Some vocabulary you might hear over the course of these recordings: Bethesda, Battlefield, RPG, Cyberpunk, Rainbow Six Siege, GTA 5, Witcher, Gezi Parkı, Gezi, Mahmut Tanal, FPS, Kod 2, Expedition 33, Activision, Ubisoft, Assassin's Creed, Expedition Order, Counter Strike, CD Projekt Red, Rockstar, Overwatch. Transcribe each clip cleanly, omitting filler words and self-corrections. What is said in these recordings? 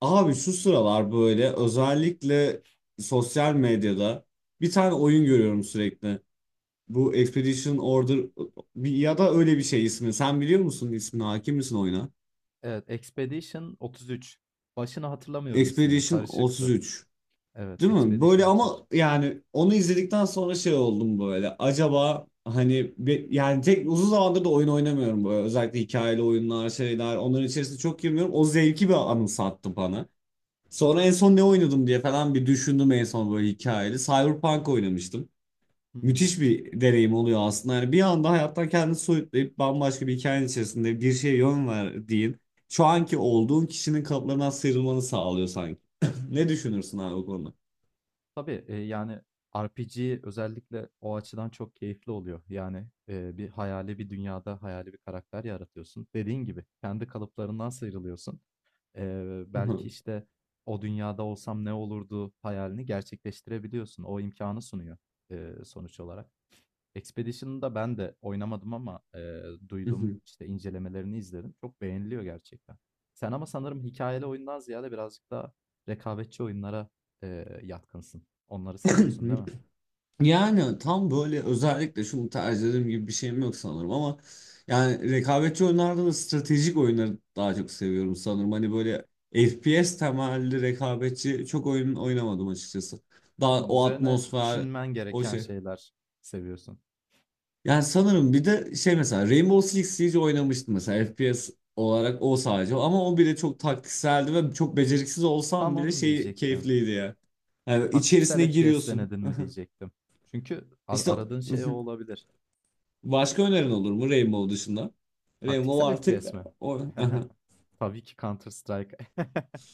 Abi şu sıralar böyle özellikle sosyal medyada bir tane oyun görüyorum sürekli. Bu Expedition Order ya da öyle bir şey ismi. Sen biliyor musun ismini? Hakim misin oyuna? Evet, Expedition 33. Başını hatırlamıyorum isminin. Expedition Karışıktı. 33. Evet, Değil mi? Expedition Böyle 33. ama yani onu izledikten sonra şey oldum böyle. Acaba hani yani tek uzun zamandır da oyun oynamıyorum böyle. Özellikle hikayeli oyunlar şeyler. Onların içerisinde çok girmiyorum. O zevki bir anımsattı bana. Sonra en son ne oynadım diye falan bir düşündüm en son böyle hikayeli. Cyberpunk oynamıştım. Hı hı. Müthiş bir deneyim oluyor aslında. Yani bir anda hayattan kendini soyutlayıp bambaşka bir hikayenin içerisinde bir şeye yön verdiğin, şu anki olduğun kişinin kalıplarından sıyrılmanı sağlıyor sanki. Ne düşünürsün abi o konuda? Tabii, yani RPG özellikle o açıdan çok keyifli oluyor. Yani, bir hayali bir dünyada hayali bir karakter yaratıyorsun. Dediğin gibi kendi kalıplarından sıyrılıyorsun. Belki işte o dünyada olsam ne olurdu hayalini gerçekleştirebiliyorsun. O imkanı sunuyor, sonuç olarak. Expedition'ı da ben de oynamadım ama duydum, işte, incelemelerini izledim. Çok beğeniliyor gerçekten. Sen ama sanırım hikayeli oyundan ziyade birazcık daha rekabetçi oyunlara yatkınsın. Onları seviyorsun, değil mi? Yani tam böyle özellikle şunu tercih ederim gibi bir şeyim yok sanırım ama yani rekabetçi oyunlardan da stratejik oyunları daha çok seviyorum sanırım. Hani böyle FPS temelli rekabetçi çok oyun oynamadım açıkçası. Daha o Üzerine atmosfer, düşünmen o gereken şey. şeyler seviyorsun. Yani sanırım bir de şey mesela Rainbow Six Siege oynamıştım mesela FPS olarak o sadece ama o bile çok taktikseldi ve çok beceriksiz Tam olsam bile onu şey diyecektim. keyifliydi ya. Yani Taktiksel içerisine FPS giriyorsun. denedin mi diyecektim. Çünkü İşte. aradığın şey o olabilir. Başka önerin olur mu Rainbow dışında? Rainbow Taktiksel artık FPS mi? o... Tabii ki Counter Strike.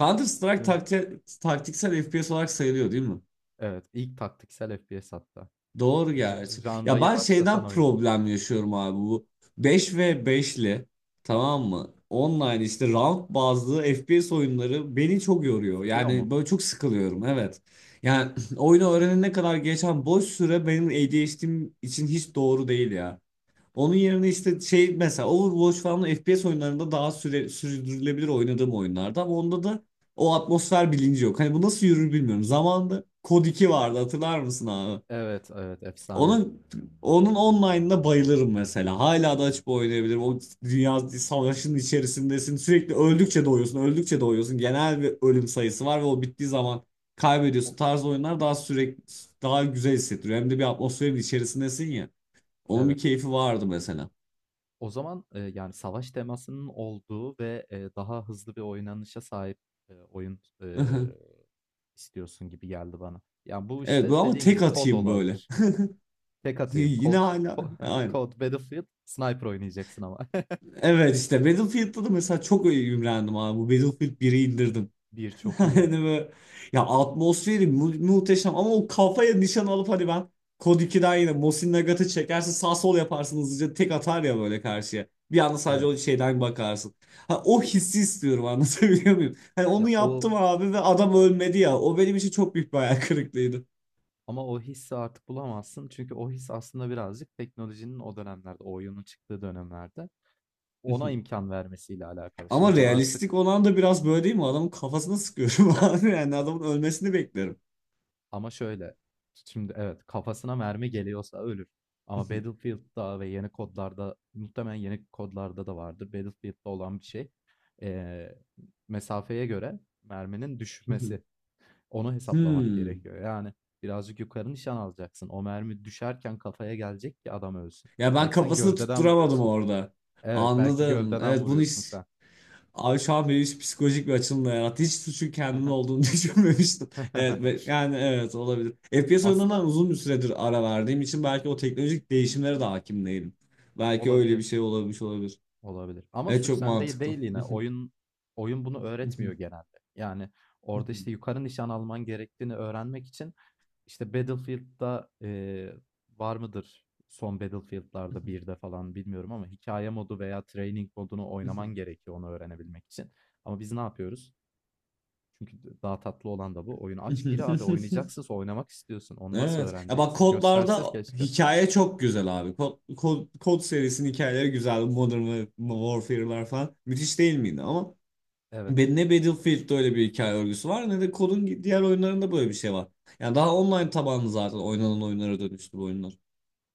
Counter Strike taktiksel FPS olarak sayılıyor değil mi? Evet, ilk taktiksel FPS hatta. Doğru gerçi. Ya Janrayı ben başlatan şeyden oyun. problem yaşıyorum abi bu beş ve beşli, Hı tamam hı. mı? Online işte round bazlı FPS oyunları beni çok yoruyor. Sıkıyor Yani mu? böyle çok sıkılıyorum, evet. Yani oyunu öğrenene kadar geçen boş süre benim ADHD'm için hiç doğru değil ya. Onun yerine işte şey mesela Overwatch falan FPS oyunlarında daha sürdürülebilir oynadığım oyunlarda ama onda da o atmosfer bilinci yok. Hani bu nasıl yürür bilmiyorum. Zamanında Kod 2 vardı, hatırlar mısın abi? Evet, evet, efsane. Onun onun online'ına bayılırım mesela. Hala da açıp oynayabilirim. O dünya savaşının içerisindesin. Sürekli öldükçe doğuyorsun, öldükçe doğuyorsun. Genel bir ölüm sayısı var ve o bittiği zaman O- kaybediyorsun. Tarzı oyunlar daha sürekli daha güzel hissettiriyor. Hem de bir atmosferin içerisindesin ya. Onun bir Evet. keyfi vardı mesela. O zaman, yani savaş temasının olduğu ve daha hızlı bir oynanışa sahip oyun istiyorsun gibi geldi bana. Yani bu Evet bu işte ama dediğin gibi tek kod atayım böyle. olabilir. Tek atayım. Yine Kod, hala ko- aynı. kod, Battlefield, Sniper oynayacaksın ama. Evet işte Battlefield'da da mesela çok imrendim abi. Bu Battlefield biri indirdim. Bir çok iyi. Hani böyle ya atmosferi muhteşem ama o kafaya nişan alıp hani ben Kod 2'den yine Mosin Nagat'ı çekersin sağ sol yaparsın hızlıca tek atar ya böyle karşıya. Bir anda sadece o Evet. şeyden bakarsın. Ha, o hissi istiyorum, anlatabiliyor muyum? Hani Ya, onu yaptım abi ve adam ölmedi ya. O benim için çok büyük bir hayal kırıklığıydı. ama o hissi artık bulamazsın. Çünkü o his aslında birazcık teknolojinin o dönemlerde, o oyunun çıktığı dönemlerde ona imkan vermesiyle alakalı. Ama Şimdi realistik artık olan da biraz böyle değil mi? Adamın kafasına sıkıyorum abi. Yani adamın ölmesini beklerim. ama şöyle. Şimdi evet, kafasına mermi geliyorsa ölür. Ama Battlefield'da ve yeni kodlarda, muhtemelen yeni kodlarda da vardır, Battlefield'da olan bir şey: ee, mesafeye göre merminin düşmesi. Onu hesaplamak Hmm. gerekiyor. Yani birazcık yukarı nişan alacaksın. O mermi düşerken kafaya gelecek ki adam ölsün. Ya ben Belki sen kafasını gövdeden tutturamadım vuruyorsun. orada. Evet, belki Anladım. gövdeden Evet bunu vuruyorsun hiç... sen. Abi şu an beni hiç psikolojik bir açılımla yarattı. Hiç suçun kendimin olduğunu düşünmemiştim. Evet yani evet olabilir. FPS oyunlarından Aslında uzun bir süredir ara verdiğim için belki o teknolojik değişimlere de hakim değilim. Belki öyle bir olabilir. şey olabilmiş olabilir. Olabilir. Ama Evet, suç çok sende mantıklı. değil yine. Oyun bunu öğretmiyor genelde. Yani orada işte yukarı nişan alman gerektiğini öğrenmek için işte Battlefield'da, var mıdır son Battlefield'larda bir de falan bilmiyorum, ama hikaye modu veya training modunu oynaman gerekiyor onu öğrenebilmek için. Ama biz ne yapıyoruz? Çünkü daha tatlı olan da bu. Oyunu aç gir abi, oynayacaksın, oynamak istiyorsun. Onu nasıl Evet. Ya bak öğreneceksin? Gösterse kodlarda keşke. hikaye çok güzel abi. Kod serisinin hikayeleri güzel. Modern Warfare'lar falan. Müthiş değil miydi? Ama Evet. Ne Battlefield'de öyle bir hikaye örgüsü var ne de kodun diğer oyunlarında böyle bir şey var. Yani daha online tabanlı zaten oynanan oyunlara dönüştü bu oyunlar.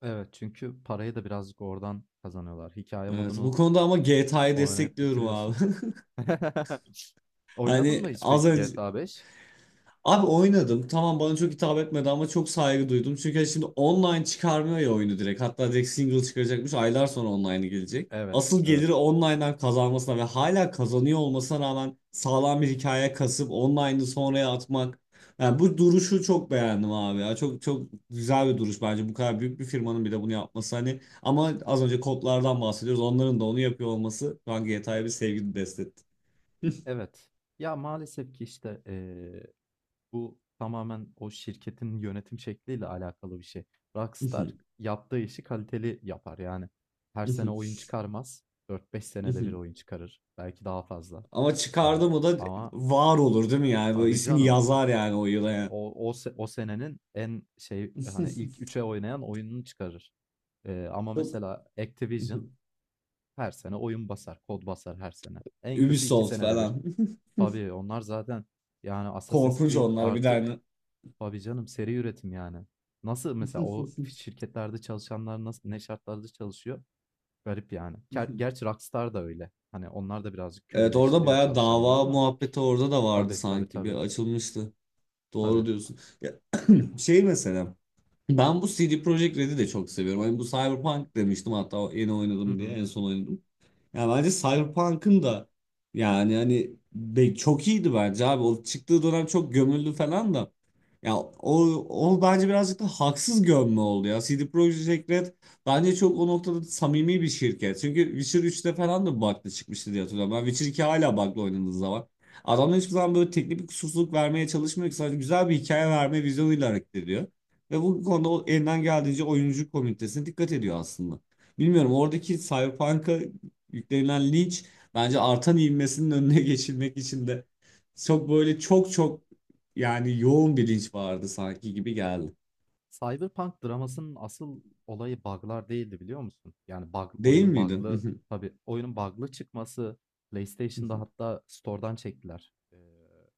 Evet, çünkü parayı da birazcık oradan kazanıyorlar. Hikaye Evet bu modunu konuda ama GTA'yı oynayıp destekliyorum abi. bitiriyorsun. Oynadın Hani mı hiç az peki önce. GTA 5? Abi oynadım. Tamam bana çok hitap etmedi ama çok saygı duydum. Çünkü hani şimdi online çıkarmıyor ya oyunu direkt. Hatta direkt single çıkaracakmış. Aylar sonra online'ı gelecek. Evet, Asıl evet, geliri online'dan kazanmasına ve hala kazanıyor olmasına rağmen sağlam bir hikaye kasıp online'ı sonraya atmak. Yani bu duruşu çok beğendim abi ya. Çok çok güzel bir duruş bence. Bu kadar büyük bir firmanın bir de bunu yapması hani. Ama az önce kodlardan bahsediyoruz. Onların da onu yapıyor olması şu an GTA'ya bir sevgi besletti. evet. Ya maalesef ki işte bu tamamen o şirketin yönetim şekliyle alakalı bir şey. Rockstar yaptığı işi kaliteli yapar yani. Her sene oyun çıkarmaz. 4-5 senede bir oyun çıkarır. Belki daha fazla. Ama Eee, çıkardı mı da ama var olur değil mi yani? Böyle tabii ismini canım o. yazar yani o yıla yani. O senenin en şey, hani ilk üçe oynayan oyununu çıkarır. Ama Çok mesela Activision her sene oyun basar, kod basar her sene. En kötü 2 Ubisoft senede bir. falan. Tabii onlar zaten, yani Assassin's Korkunç Creed onlar bir artık tane. tabii canım, seri üretim yani. Nasıl mesela o şirketlerde çalışanlar nasıl ne şartlarda çalışıyor? Garip yani. Gerçi Rockstar da öyle. Hani onlar da birazcık Evet orada köleleştiriyor bayağı çalışanını dava ama muhabbeti orada da vardı tabii, tabii, sanki. Bir tabii, açılmıştı. tabii. Doğru diyorsun. Ya, şey mesela ben bu CD Projekt Red'i de çok seviyorum. Hani bu Cyberpunk demiştim hatta yeni Hı oynadım diye hı. en son oynadım. Yani bence Cyberpunk'ın da yani hani çok iyiydi bence abi. O çıktığı dönem çok gömüldü falan da. Ya o, o bence birazcık da haksız gömme oldu ya. CD Projekt Red bence çok o noktada samimi bir şirket. Çünkü Witcher üçte falan da bug'lı çıkmıştı diye hatırlıyorum. Ben Witcher 2 hala bug'lı oynadığı zaman. Adamlar hiçbir zaman böyle teknik bir kusursuzluk vermeye çalışmıyor ki. Sadece güzel bir hikaye verme vizyonuyla hareket ediyor. Ve bu konuda o elinden geldiğince oyuncu komünitesine dikkat ediyor aslında. Bilmiyorum oradaki Cyberpunk'a yüklenilen linç bence artan ivmesinin önüne geçilmek için de çok böyle çok çok yani yoğun bir linç vardı sanki gibi geldi. Cyberpunk dramasının asıl olayı bug'lar değildi, biliyor musun? Yani bug, Değil oyunun miydin? bug'lı, tabii oyunun bug'lı çıkması, PlayStation'da hatta store'dan çektiler. Ee,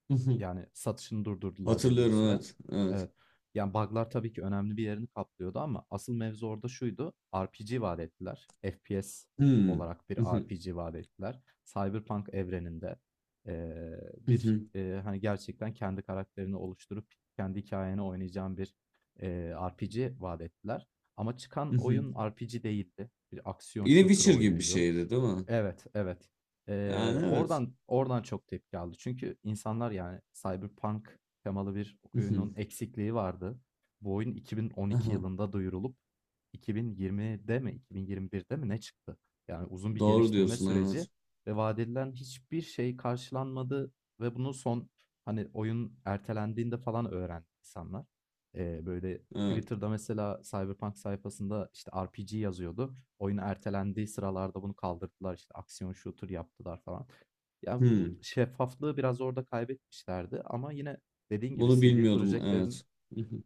yani satışını durdurdular belli bir Hatırlıyorum, süre. evet. Evet. Evet. Yani bug'lar tabii ki önemli bir yerini kaplıyordu ama asıl mevzu orada şuydu: RPG vaat ettiler. FPS Hmm. olarak bir RPG vaat ettiler. Cyberpunk evreninde, bir, hani gerçekten kendi karakterini oluşturup kendi hikayeni oynayacağın bir, RPG vaat ettiler. Ama çıkan oyun RPG değildi. Bir aksiyon Yine shooter Witcher gibi bir oyunuydu. şeydi değil mi? Evet, evet. Eee, Yani evet. oradan oradan çok tepki aldı. Çünkü insanlar, yani Cyberpunk temalı bir oyunun eksikliği vardı. Bu oyun 2012 Aha, yılında duyurulup 2020'de mi 2021'de mi ne çıktı? Yani uzun bir doğru geliştirme diyorsun süreci evet. ve vaat edilen hiçbir şey karşılanmadı, ve bunu son, hani oyun ertelendiğinde falan öğrendi insanlar. Böyle Evet. Twitter'da mesela Cyberpunk sayfasında işte RPG yazıyordu. Oyun ertelendiği sıralarda bunu kaldırdılar, işte, aksiyon shooter yaptılar falan. Ya, bu Hmm. şeffaflığı biraz orada kaybetmişlerdi, ama yine dediğin gibi Bunu CD bilmiyordum Projekt evet. Red'in,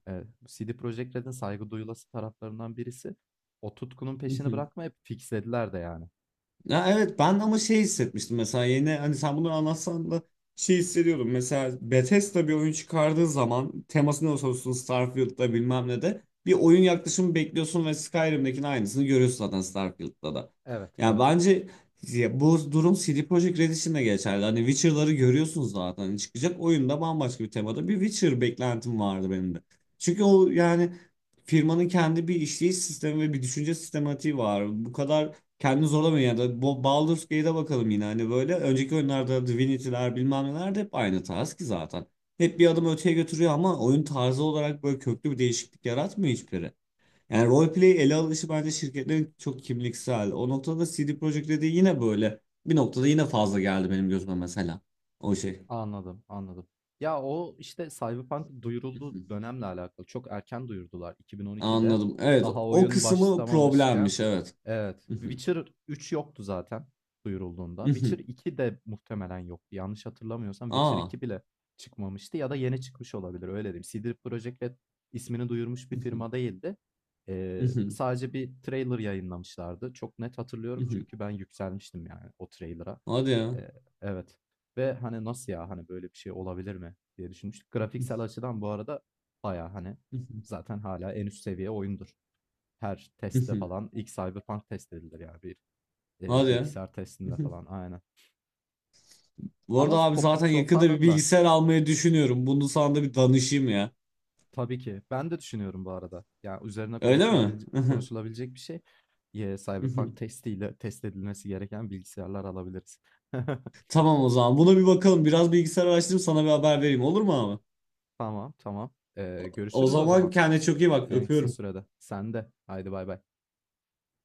saygı duyulası taraflarından birisi, o tutkunun peşini bırakmayıp fixlediler de yani. Ya evet ben ama şey hissetmiştim mesela yeni hani sen bunu anlatsan da şey hissediyordum. Mesela Bethesda bir oyun çıkardığı zaman teması ne olursa olsun Starfield'da bilmem ne de bir oyun yaklaşımı bekliyorsun ve Skyrim'dekinin aynısını görüyorsun zaten Starfield'da da. Evet, Yani evet. bence ya bu durum CD Projekt Red için de geçerli. Hani Witcher'ları görüyorsunuz zaten. Hani çıkacak oyunda bambaşka bir temada bir Witcher beklentim vardı benim de. Çünkü o yani firmanın kendi bir işleyiş sistemi ve bir düşünce sistematiği var. Bu kadar kendini zorlamıyor yani. Baldur's Gate'e bakalım yine hani böyle. Önceki oyunlarda Divinity'ler bilmem neler de hep aynı tarz ki zaten. Hep bir adım öteye götürüyor ama oyun tarzı olarak böyle köklü bir değişiklik yaratmıyor hiçbiri. Yani roleplay ele alışı bence şirketlerin çok kimliksel. O noktada CD Projekt dediği yine böyle. Bir noktada yine fazla geldi benim gözüme mesela. O şey. Anladım, anladım. Ya, o, işte, Cyberpunk'ın duyurulduğu Mhm. dönemle alakalı. Çok erken duyurdular 2012'de. Anladım. Evet, Daha o oyun kısmı başlamamışken. problemmiş, evet. Evet. Mhm. Witcher 3 yoktu zaten duyurulduğunda. Witcher Mhm. iki de muhtemelen yoktu. Yanlış hatırlamıyorsam Witcher Aa. iki bile çıkmamıştı, ya da yeni çıkmış olabilir, öyle diyeyim. CD Projekt Red ismini duyurmuş bir Mhm. firma değildi. Eee, Mhm. sadece bir trailer yayınlamışlardı. Çok net hatırlıyorum Mhm. çünkü ben yükselmiştim yani o trailer'a. Hadi ya. Eee, evet, ve hani nasıl ya, hani böyle bir şey olabilir mi diye düşünmüştük. Grafiksel açıdan bu arada bayağı hani Mhm. zaten hala en üst seviye oyundur. Her testte Mhm. falan ilk Cyberpunk test edilir yani, bir Hadi ya. bilgisayar testinde falan, aynen. Bu Ama arada abi topu zaten yakında bir toparladılar bilgisayar almayı düşünüyorum. Bunu sana da bir danışayım ya. tabii ki. Ben de düşünüyorum bu arada. Yani üzerine Öyle mi? konuşulabilecek bir şey. Cyberpunk testiyle test edilmesi gereken bilgisayarlar alabiliriz. Tamam o zaman. Buna bir bakalım. Biraz bilgisayar araştırıp sana bir haber vereyim. Olur mu abi? Tamam, tamam. Eee, O görüşürüz o zaman zaman kendine çok iyi bak. en kısa Öpüyorum. sürede. Sen de. Haydi bay bay.